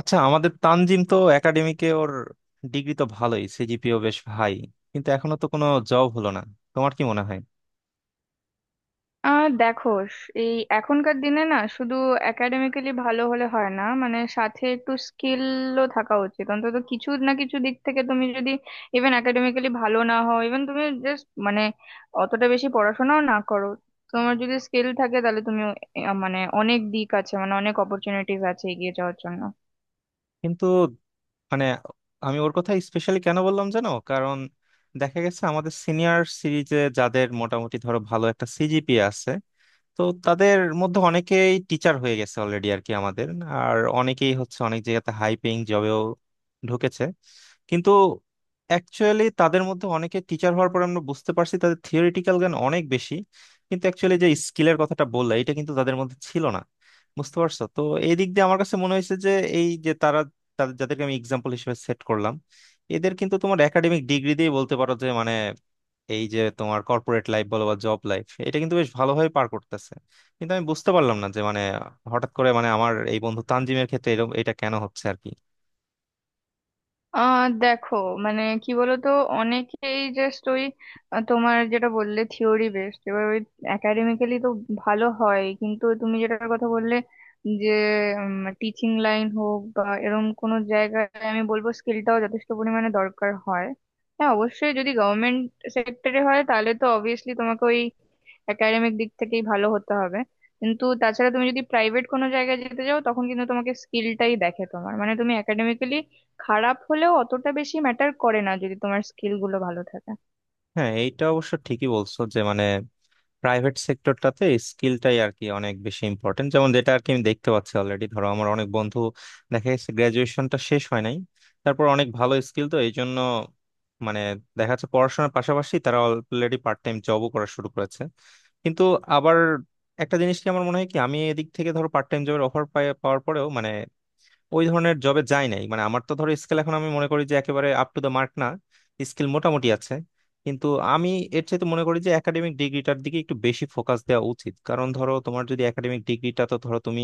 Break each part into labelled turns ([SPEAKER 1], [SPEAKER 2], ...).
[SPEAKER 1] আচ্ছা, আমাদের তানজিম তো একাডেমিকে ওর ডিগ্রি তো ভালোই, সিজিপিও বেশ হাই, কিন্তু এখনো তো কোনো জব হলো না। তোমার কি মনে হয়?
[SPEAKER 2] দেখো, স- এই এখনকার দিনে না শুধু একাডেমিক্যালি ভালো হলে হয় না, মানে সাথে একটু স্কিলও থাকা উচিত। অন্তত কিছু না কিছু দিক থেকে তুমি যদি ইভেন একাডেমিক্যালি ভালো না হও, ইভেন তুমি জাস্ট মানে অতটা বেশি পড়াশোনাও না করো, তোমার যদি স্কিল থাকে, তাহলে তুমি মানে অনেক দিক আছে, মানে অনেক অপরচুনিটিস আছে এগিয়ে যাওয়ার জন্য।
[SPEAKER 1] কিন্তু মানে আমি ওর কথা স্পেশালি কেন বললাম জানো, কারণ দেখা গেছে আমাদের সিনিয়র সিরিজে যাদের মোটামুটি ধরো ভালো একটা সিজিপিএ আছে, তো তাদের মধ্যে অনেকেই টিচার হয়ে গেছে অলরেডি আর কি। আমাদের আর অনেকেই হচ্ছে অনেক জায়গাতে হাই পেইং জবেও ঢুকেছে। কিন্তু অ্যাকচুয়ালি তাদের মধ্যে অনেকে টিচার হওয়ার পর আমরা বুঝতে পারছি তাদের থিওরিটিক্যাল জ্ঞান অনেক বেশি, কিন্তু অ্যাকচুয়ালি যে স্কিলের কথাটা বললে এটা কিন্তু তাদের মধ্যে ছিল না। বুঝতে পারছো তো? এই দিক দিয়ে আমার কাছে মনে হয়েছে যে এই যে তারা, তাদের যাদেরকে আমি এক্সাম্পল হিসেবে সেট করলাম, এদের কিন্তু তোমার একাডেমিক ডিগ্রি দিয়ে বলতে পারো যে এই যে তোমার কর্পোরেট লাইফ বলো বা জব লাইফ, এটা কিন্তু বেশ ভালোভাবে পার করতেছে। কিন্তু আমি বুঝতে পারলাম না যে হঠাৎ করে আমার এই বন্ধু তানজিমের ক্ষেত্রে এরকম এটা কেন হচ্ছে আর কি।
[SPEAKER 2] দেখো, মানে কি বলতো, অনেকেই জাস্ট ওই তোমার যেটা বললে থিওরি বেসড, এবার ওই একাডেমিক্যালি তো ভালো হয়, কিন্তু তুমি যেটার কথা বললে যে টিচিং লাইন হোক বা এরকম কোনো জায়গায়, আমি বলবো স্কিলটাও যথেষ্ট পরিমাণে দরকার হয়। হ্যাঁ অবশ্যই যদি গভর্নমেন্ট সেক্টরে হয়, তাহলে তো অবভিয়াসলি তোমাকে ওই একাডেমিক দিক থেকেই ভালো হতে হবে। কিন্তু তাছাড়া তুমি যদি প্রাইভেট কোনো জায়গায় যেতে যাও, তখন কিন্তু তোমাকে স্কিলটাই দেখে। তোমার মানে তুমি একাডেমিক্যালি খারাপ হলেও অতটা বেশি ম্যাটার করে না যদি তোমার স্কিল গুলো ভালো থাকে।
[SPEAKER 1] হ্যাঁ, এইটা অবশ্য ঠিকই বলছো যে প্রাইভেট সেক্টরটাতে স্কিলটাই আর কি অনেক বেশি ইম্পর্টেন্ট। যেমন যেটা আর কি আমি দেখতে পাচ্ছি অলরেডি, ধরো আমার অনেক বন্ধু, দেখা গেছে গ্রাজুয়েশনটা শেষ হয় নাই, তারপর অনেক ভালো স্কিল, তো এই জন্য মানে দেখা যাচ্ছে পড়াশোনার পাশাপাশি তারা অলরেডি পার্ট টাইম জবও করা শুরু করেছে। কিন্তু আবার একটা জিনিস কি আমার মনে হয় কি, আমি এদিক থেকে ধরো পার্ট টাইম জবের অফার পাওয়ার পরেও ওই ধরনের জবে যাই নাই। মানে আমার তো ধরো স্কিল, এখন আমি মনে করি যে একেবারে আপ টু দ্য মার্ক না, স্কিল মোটামুটি আছে। কিন্তু আমি এর চাইতে মনে করি যে একাডেমিক ডিগ্রিটার দিকে একটু বেশি ফোকাস দেওয়া উচিত, কারণ ধরো তোমার যদি একাডেমিক ডিগ্রিটা, তো ধরো তুমি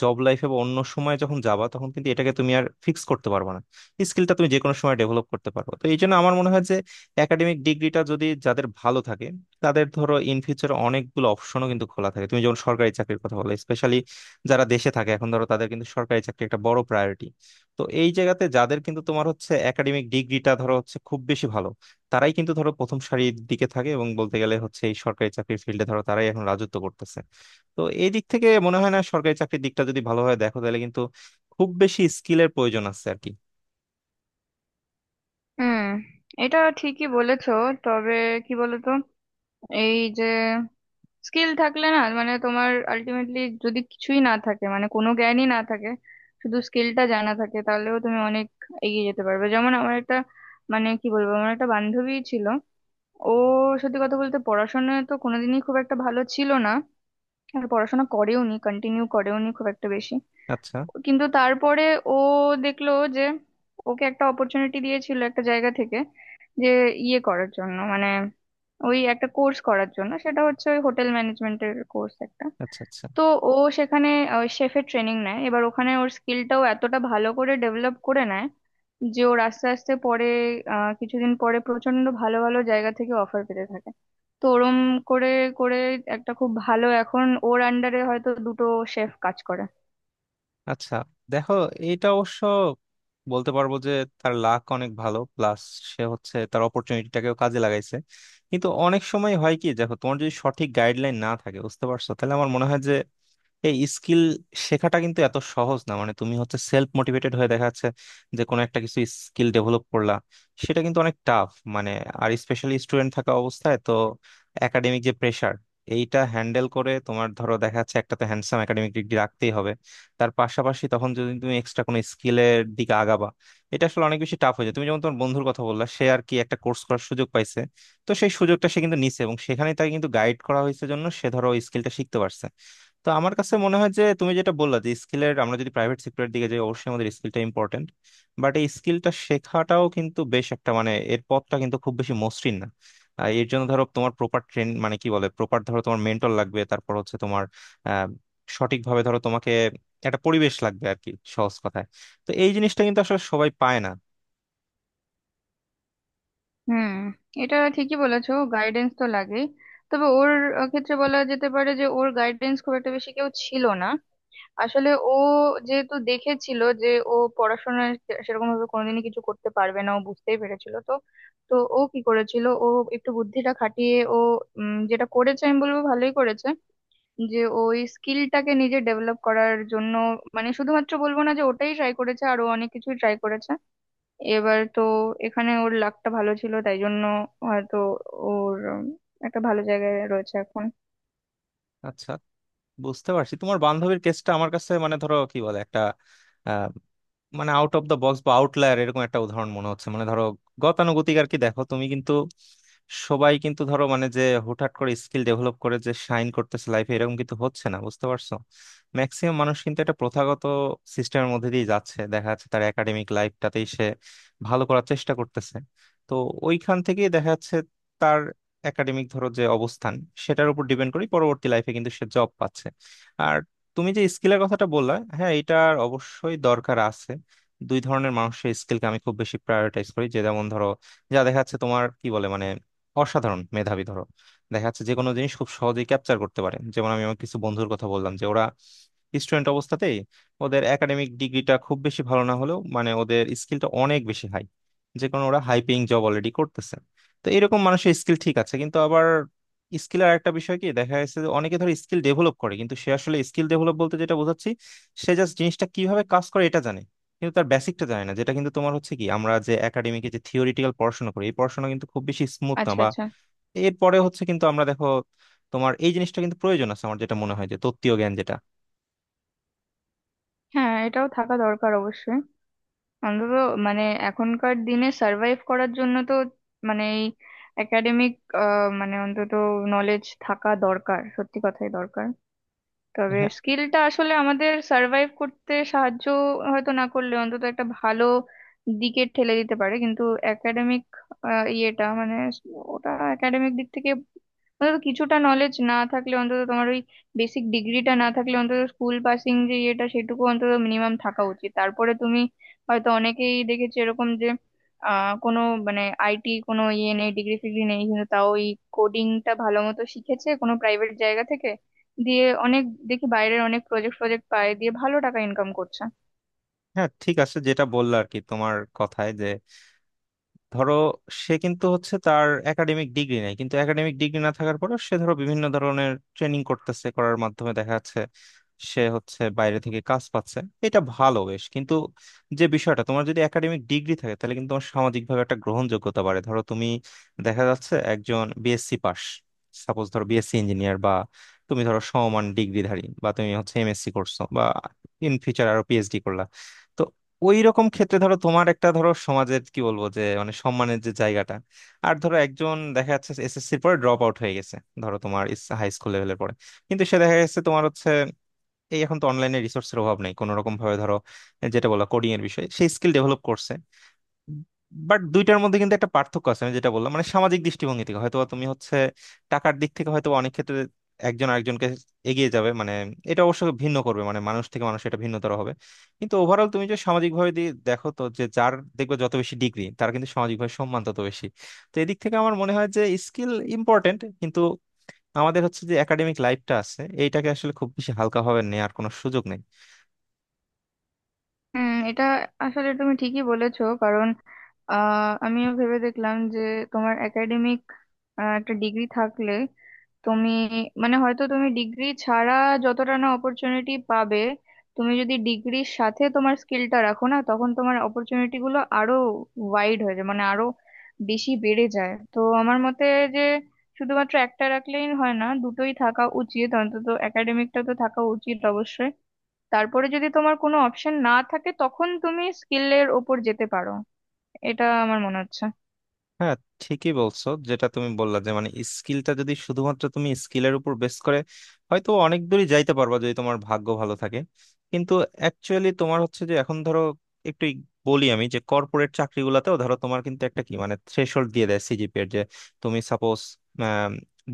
[SPEAKER 1] জব লাইফে বা অন্য সময় যখন যাবা, তখন কিন্তু এটাকে তুমি আর ফিক্স করতে পারবে না। স্কিলটা তুমি যে কোনো সময় ডেভেলপ করতে পারো, তো এই জন্য আমার মনে হয় যে একাডেমিক ডিগ্রিটা যদি যাদের ভালো থাকে, তাদের ধরো ইন ফিউচার অনেকগুলো অপশনও কিন্তু খোলা থাকে। তুমি যেমন সরকারি চাকরির কথা বলে স্পেশালি, যারা দেশে থাকে এখন, ধরো তাদের কিন্তু সরকারি চাকরি একটা বড় প্রায়োরিটি। তো এই জায়গাতে যাদের কিন্তু তোমার হচ্ছে একাডেমিক ডিগ্রিটা ধরো হচ্ছে খুব বেশি ভালো, তারাই কিন্তু ধরো প্রথম সারির দিকে থাকে, এবং বলতে গেলে হচ্ছে এই সরকারি চাকরির ফিল্ডে ধরো তারাই এখন রাজত্ব করতেছে। তো এই দিক থেকে মনে হয় না সরকারি চাকরির দিকটা যদি ভালোভাবে দেখো, তাহলে কিন্তু খুব বেশি স্কিলের প্রয়োজন আছে আর কি।
[SPEAKER 2] হুম, এটা ঠিকই বলেছো। তবে কি বলতো, এই যে স্কিল থাকলে না, মানে তোমার আলটিমেটলি যদি কিছুই না থাকে, মানে কোনো জ্ঞানই না থাকে, শুধু স্কিলটা জানা থাকে, তাহলেও তুমি অনেক এগিয়ে যেতে পারবে। যেমন আমার একটা, মানে কি বলবো, আমার একটা বান্ধবী ছিল। ও সত্যি কথা বলতে পড়াশোনায় তো কোনোদিনই খুব একটা ভালো ছিল না, আর পড়াশোনা করেও নি, কন্টিনিউ করেও নি খুব একটা বেশি।
[SPEAKER 1] আচ্ছা
[SPEAKER 2] কিন্তু তারপরে ও দেখলো যে ওকে একটা অপরচুনিটি দিয়েছিল একটা জায়গা থেকে, যে ইয়ে করার জন্য মানে ওই একটা কোর্স করার জন্য, সেটা হচ্ছে ওই হোটেল ম্যানেজমেন্টের কোর্স একটা।
[SPEAKER 1] আচ্ছা। আচ্ছা
[SPEAKER 2] তো ও সেখানে শেফের ট্রেনিং নেয়। এবার ওখানে ওর স্কিলটাও এতটা ভালো করে ডেভেলপ করে নেয় যে ওর আস্তে আস্তে পরে, কিছুদিন পরে প্রচন্ড ভালো ভালো জায়গা থেকে অফার পেতে থাকে। তো ওরম করে করে একটা খুব ভালো, এখন ওর আন্ডারে হয়তো দুটো শেফ কাজ করে।
[SPEAKER 1] আচ্ছা। দেখো, এটা অবশ্য বলতে পারবো যে তার লাক অনেক ভালো, প্লাস সে হচ্ছে তার অপরচুনিটিটাকেও কাজে লাগাইছে। কিন্তু অনেক সময় হয় কি, দেখো তোমার যদি সঠিক গাইডলাইন না থাকে, বুঝতে পারছো, তাহলে আমার মনে হয় যে এই স্কিল শেখাটা কিন্তু এত সহজ না। মানে তুমি হচ্ছে সেলফ মোটিভেটেড হয়ে দেখা যাচ্ছে যে কোনো একটা কিছু স্কিল ডেভেলপ করলা, সেটা কিন্তু অনেক টাফ। মানে আর স্পেশালি স্টুডেন্ট থাকা অবস্থায় তো একাডেমিক যে প্রেসার, এইটা হ্যান্ডেল করে তোমার ধরো দেখা যাচ্ছে একটা তো হ্যান্ডসাম একাডেমিক ডিগ্রি রাখতেই হবে, তার পাশাপাশি তখন যদি তুমি এক্সট্রা কোনো স্কিলের দিকে আগাবা, এটা আসলে অনেক বেশি টাফ হয়ে যায়। তুমি যেমন তোমার বন্ধুর কথা বললা, সে আর কি একটা কোর্স করার সুযোগ পাইছে, তো সেই সুযোগটা সে কিন্তু নিছে, এবং সেখানে তাকে কিন্তু গাইড করা হয়েছে, জন্য সে ধরো স্কিলটা শিখতে পারছে। তো আমার কাছে মনে হয় যে তুমি যেটা বললা যে স্কিলের, আমরা যদি প্রাইভেট সেক্টরের দিকে যাই, অবশ্যই আমাদের স্কিলটা ইম্পর্টেন্ট। বাট এই স্কিলটা শেখাটাও কিন্তু বেশ একটা এর পথটা কিন্তু খুব বেশি মসৃণ না। এর জন্য ধরো তোমার প্রপার ট্রেন, মানে কি বলে, প্রপার ধরো তোমার মেন্টর লাগবে, তারপর হচ্ছে তোমার আহ সঠিকভাবে ধরো তোমাকে একটা পরিবেশ লাগবে আর কি, সহজ কথায়। তো এই জিনিসটা কিন্তু আসলে সবাই পায় না।
[SPEAKER 2] হুম, এটা ঠিকই বলেছো, গাইডেন্স তো লাগেই। তবে ওর ক্ষেত্রে বলা যেতে পারে যে ওর গাইডেন্স খুব একটা বেশি কেউ ছিল না। আসলে ও যেহেতু দেখেছিল যে ও পড়াশোনায় সেরকম ভাবে কোনোদিনই কিছু করতে পারবে না, ও বুঝতেই পেরেছিল তো। তো ও কি করেছিল, ও একটু বুদ্ধিটা খাটিয়ে ও যেটা করেছে আমি বলবো ভালোই করেছে, যে ওই স্কিলটাকে নিজে ডেভেলপ করার জন্য মানে শুধুমাত্র বলবো না যে ওটাই ট্রাই করেছে, আরো অনেক কিছু ট্রাই করেছে। এবার তো এখানে ওর লাকটা ভালো ছিল তাই জন্য হয়তো ওর একটা ভালো জায়গায় রয়েছে এখন।
[SPEAKER 1] আচ্ছা, বুঝতে পারছি তোমার বান্ধবীর কেসটা আমার কাছে, মানে ধরো কি বলে একটা আহ, মানে আউট অফ দ্য বক্স বা আউটলায়ার এরকম একটা উদাহরণ মনে হচ্ছে। মানে ধরো গতানুগতিক আর কি। দেখো তুমি কিন্তু, সবাই কিন্তু ধরো মানে যে হুটহাট করে স্কিল ডেভেলপ করে যে শাইন করতেছে লাইফে, এরকম কিন্তু হচ্ছে না, বুঝতে পারছো। ম্যাক্সিমাম মানুষ কিন্তু একটা প্রথাগত সিস্টেমের মধ্যে দিয়ে যাচ্ছে, দেখা যাচ্ছে তার একাডেমিক লাইফটাতেই সে ভালো করার চেষ্টা করতেছে। তো ওইখান থেকেই দেখা যাচ্ছে তার একাডেমিক ধরো যে অবস্থান, সেটার উপর ডিপেন্ড করে পরবর্তী লাইফে কিন্তু সে জব পাচ্ছে। আর তুমি যে স্কিলের কথাটা বললা, হ্যাঁ এটার অবশ্যই দরকার আছে। দুই ধরনের মানুষের স্কিলকে আমি খুব বেশি প্রায়োরিটাইজ করি। যে যেমন ধরো, যা দেখা যাচ্ছে তোমার কি বলে অসাধারণ মেধাবী, ধরো দেখা যাচ্ছে যে কোনো জিনিস খুব সহজেই ক্যাপচার করতে পারে। যেমন আমি আমার কিছু বন্ধুর কথা বললাম যে ওরা স্টুডেন্ট অবস্থাতেই, ওদের একাডেমিক ডিগ্রিটা খুব বেশি ভালো না হলেও ওদের স্কিলটা অনেক বেশি হাই, যে কোনো ওরা হাই পেইং জব অলরেডি করতেছে। তো এরকম মানুষের স্কিল ঠিক আছে, কিন্তু আবার স্কিল আর একটা বিষয় কি, দেখা যাচ্ছে যে অনেকে ধর স্কিল ডেভেলপ করে, কিন্তু সে আসলে স্কিল ডেভেলপ বলতে যেটা বোঝাচ্ছি, সে জাস্ট জিনিসটা কিভাবে কাজ করে এটা জানে, কিন্তু তার বেসিকটা জানে না, যেটা কিন্তু তোমার হচ্ছে কি আমরা যে একাডেমিকে যে থিওরিটিক্যাল পড়াশোনা করি, এই পড়াশোনা কিন্তু খুব বেশি স্মুথ না,
[SPEAKER 2] আচ্ছা
[SPEAKER 1] বা
[SPEAKER 2] আচ্ছা।
[SPEAKER 1] এরপরে হচ্ছে কিন্তু আমরা দেখো তোমার এই জিনিসটা কিন্তু প্রয়োজন আছে। আমার যেটা মনে হয় যে তত্ত্বীয় জ্ঞান যেটা,
[SPEAKER 2] হ্যাঁ, এটাও থাকা দরকার অবশ্যই। অন্তত মানে এখনকার দিনে সার্ভাইভ করার জন্য তো মানে এই একাডেমিক মানে অন্তত নলেজ থাকা দরকার, সত্যি কথাই দরকার। তবে
[SPEAKER 1] হ্যাঁ।
[SPEAKER 2] স্কিলটা আসলে আমাদের সার্ভাইভ করতে সাহায্য, হয়তো না করলে অন্তত একটা ভালো দিকে ঠেলে দিতে পারে। কিন্তু একাডেমিক ইয়েটা মানে ওটা একাডেমিক দিক থেকে অন্তত কিছুটা নলেজ না থাকলে, অন্তত তোমার ওই বেসিক ডিগ্রিটা না থাকলে, অন্তত স্কুল পাসিং যে ইয়েটা সেটুকু অন্তত মিনিমাম থাকা উচিত। তারপরে তুমি হয়তো, অনেকেই দেখেছি এরকম যে কোনো মানে আইটি কোনো ইয়ে নেই, ডিগ্রি ফিগ্রি নেই, কিন্তু তাও ওই কোডিংটা ভালো মতো শিখেছে কোনো প্রাইভেট জায়গা থেকে, দিয়ে অনেক, দেখি বাইরের অনেক প্রজেক্ট ফজেক্ট পায় দিয়ে ভালো টাকা ইনকাম করছে।
[SPEAKER 1] হ্যাঁ, ঠিক আছে যেটা বললো আর কি তোমার কথায়, যে ধরো সে কিন্তু হচ্ছে তার একাডেমিক ডিগ্রি নেই, কিন্তু একাডেমিক ডিগ্রি না থাকার পরেও সে ধরো বিভিন্ন ধরনের ট্রেনিং করতেছে, করার মাধ্যমে দেখা যাচ্ছে সে হচ্ছে বাইরে থেকে কাজ পাচ্ছে। এটা ভালো বেশ, কিন্তু যে বিষয়টা তোমার যদি একাডেমিক ডিগ্রি থাকে, তাহলে কিন্তু তোমার সামাজিকভাবে একটা গ্রহণযোগ্যতা বাড়ে। ধরো তুমি, দেখা যাচ্ছে একজন বিএসসি পাস, সাপোজ ধরো বিএসসি ইঞ্জিনিয়ার, বা তুমি ধরো সমমান ডিগ্রিধারী, বা তুমি হচ্ছে এমএসসি করছো, বা ইন ফিউচার আরো পিএইচডি করলা, ওই রকম ক্ষেত্রে ধরো তোমার একটা ধরো সমাজের কি বলবো যে সম্মানের যে জায়গাটা। আর ধরো একজন দেখা যাচ্ছে এসএসসির পরে ড্রপ আউট হয়ে গেছে, ধরো তোমার হাই স্কুল লেভেলের পরে, কিন্তু সে দেখা গেছে তোমার হচ্ছে, এই এখন তো অনলাইনে রিসোর্সের অভাব নেই, কোনো রকম ভাবে ধরো যেটা বলা কোডিং এর বিষয়, সেই স্কিল ডেভেলপ করছে। বাট দুইটার মধ্যে কিন্তু একটা পার্থক্য আছে, আমি যেটা বললাম মানে সামাজিক দৃষ্টিভঙ্গি থেকে। হয়তো তুমি হচ্ছে টাকার দিক থেকে হয়তো অনেক ক্ষেত্রে একজন আরেকজনকে এগিয়ে যাবে, এটা অবশ্য ভিন্ন করবে, মানে মানুষ থেকে মানুষ এটা ভিন্নতর হবে। কিন্তু ওভারঅল তুমি যে সামাজিক ভাবে দেখো তো, যে যার দেখবে যত বেশি ডিগ্রি, তার কিন্তু সামাজিক ভাবে সম্মান তত বেশি। তো এদিক থেকে আমার মনে হয় যে স্কিল ইম্পর্টেন্ট, কিন্তু আমাদের হচ্ছে যে একাডেমিক লাইফটা আছে, এইটাকে আসলে খুব বেশি হালকাভাবে নেওয়ার কোনো সুযোগ নেই।
[SPEAKER 2] হুম, এটা আসলে তুমি ঠিকই বলেছো। কারণ আমিও ভেবে দেখলাম যে তোমার একাডেমিক একটা ডিগ্রি থাকলে তুমি মানে হয়তো তুমি ডিগ্রি ছাড়া যতটা না অপরচুনিটি পাবে, তুমি যদি ডিগ্রির সাথে তোমার স্কিলটা রাখো না, তখন তোমার অপরচুনিটি গুলো আরো ওয়াইড হয়ে যায়, মানে আরো বেশি বেড়ে যায়। তো আমার মতে যে শুধুমাত্র একটা রাখলেই হয় না, দুটোই থাকা উচিত। অন্তত একাডেমিকটা তো থাকা উচিত অবশ্যই, তারপরে যদি তোমার কোনো অপশন না থাকে তখন তুমি স্কিলের ওপর যেতে পারো। এটা আমার মনে হচ্ছে।
[SPEAKER 1] হ্যাঁ, ঠিকই বলছো যেটা তুমি বললা যে স্কিলটা যদি শুধুমাত্র তুমি স্কিলের উপর বেস করে, হয়তো অনেক দূরই যাইতে পারবা যদি তোমার ভাগ্য ভালো থাকে। কিন্তু অ্যাকচুয়ালি তোমার হচ্ছে যে এখন ধরো একটু বলি আমি, যে কর্পোরেট চাকরিগুলোতেও ধরো তোমার কিন্তু একটা কি মানে থ্রেশহোল্ড দিয়ে দেয় সিজিপি এর, যে তুমি সাপোজ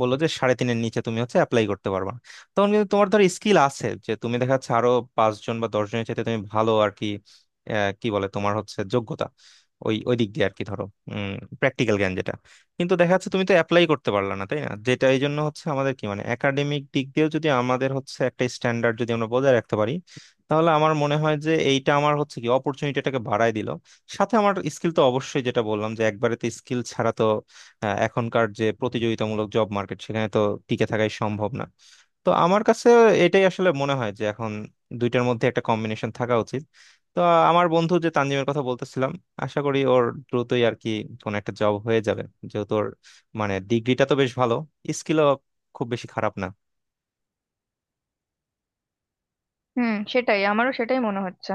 [SPEAKER 1] বললো যে 3.5-এর নিচে তুমি হচ্ছে অ্যাপ্লাই করতে পারবা না। তখন কিন্তু তোমার ধর স্কিল আছে, যে তুমি দেখা যাচ্ছে আরো পাঁচজন বা দশজনের চাইতে তুমি ভালো আর কি, কি বলে তোমার হচ্ছে যোগ্যতা, ওই ওই দিক দিয়ে আর কি, ধরো প্র্যাকটিক্যাল জ্ঞান যেটা, কিন্তু দেখা যাচ্ছে তুমি তো অ্যাপ্লাই করতে পারলা না, তাই না। যেটা এই জন্য হচ্ছে আমাদের কি একাডেমিক দিক দিয়েও যদি আমাদের হচ্ছে একটা স্ট্যান্ডার্ড যদি আমরা বজায় রাখতে পারি, তাহলে আমার মনে হয় যে এইটা আমার হচ্ছে কি অপরচুনিটিটাকে বাড়ায় দিল। সাথে আমার স্কিল তো অবশ্যই, যেটা বললাম যে একবারে তো স্কিল ছাড়া তো এখনকার যে প্রতিযোগিতামূলক জব মার্কেট, সেখানে তো টিকে থাকাই সম্ভব না। তো আমার কাছে এটাই আসলে মনে হয় যে এখন দুইটার মধ্যে একটা কম্বিনেশন থাকা উচিত। তো আমার বন্ধু যে তানজিমের কথা বলতেছিলাম, আশা করি ওর দ্রুতই আর কি কোন একটা জব হয়ে যাবে, যেহেতু ওর ডিগ্রিটা তো বেশ ভালো, স্কিলও খুব বেশি খারাপ না।
[SPEAKER 2] হুম, সেটাই, আমারও সেটাই মনে হচ্ছে।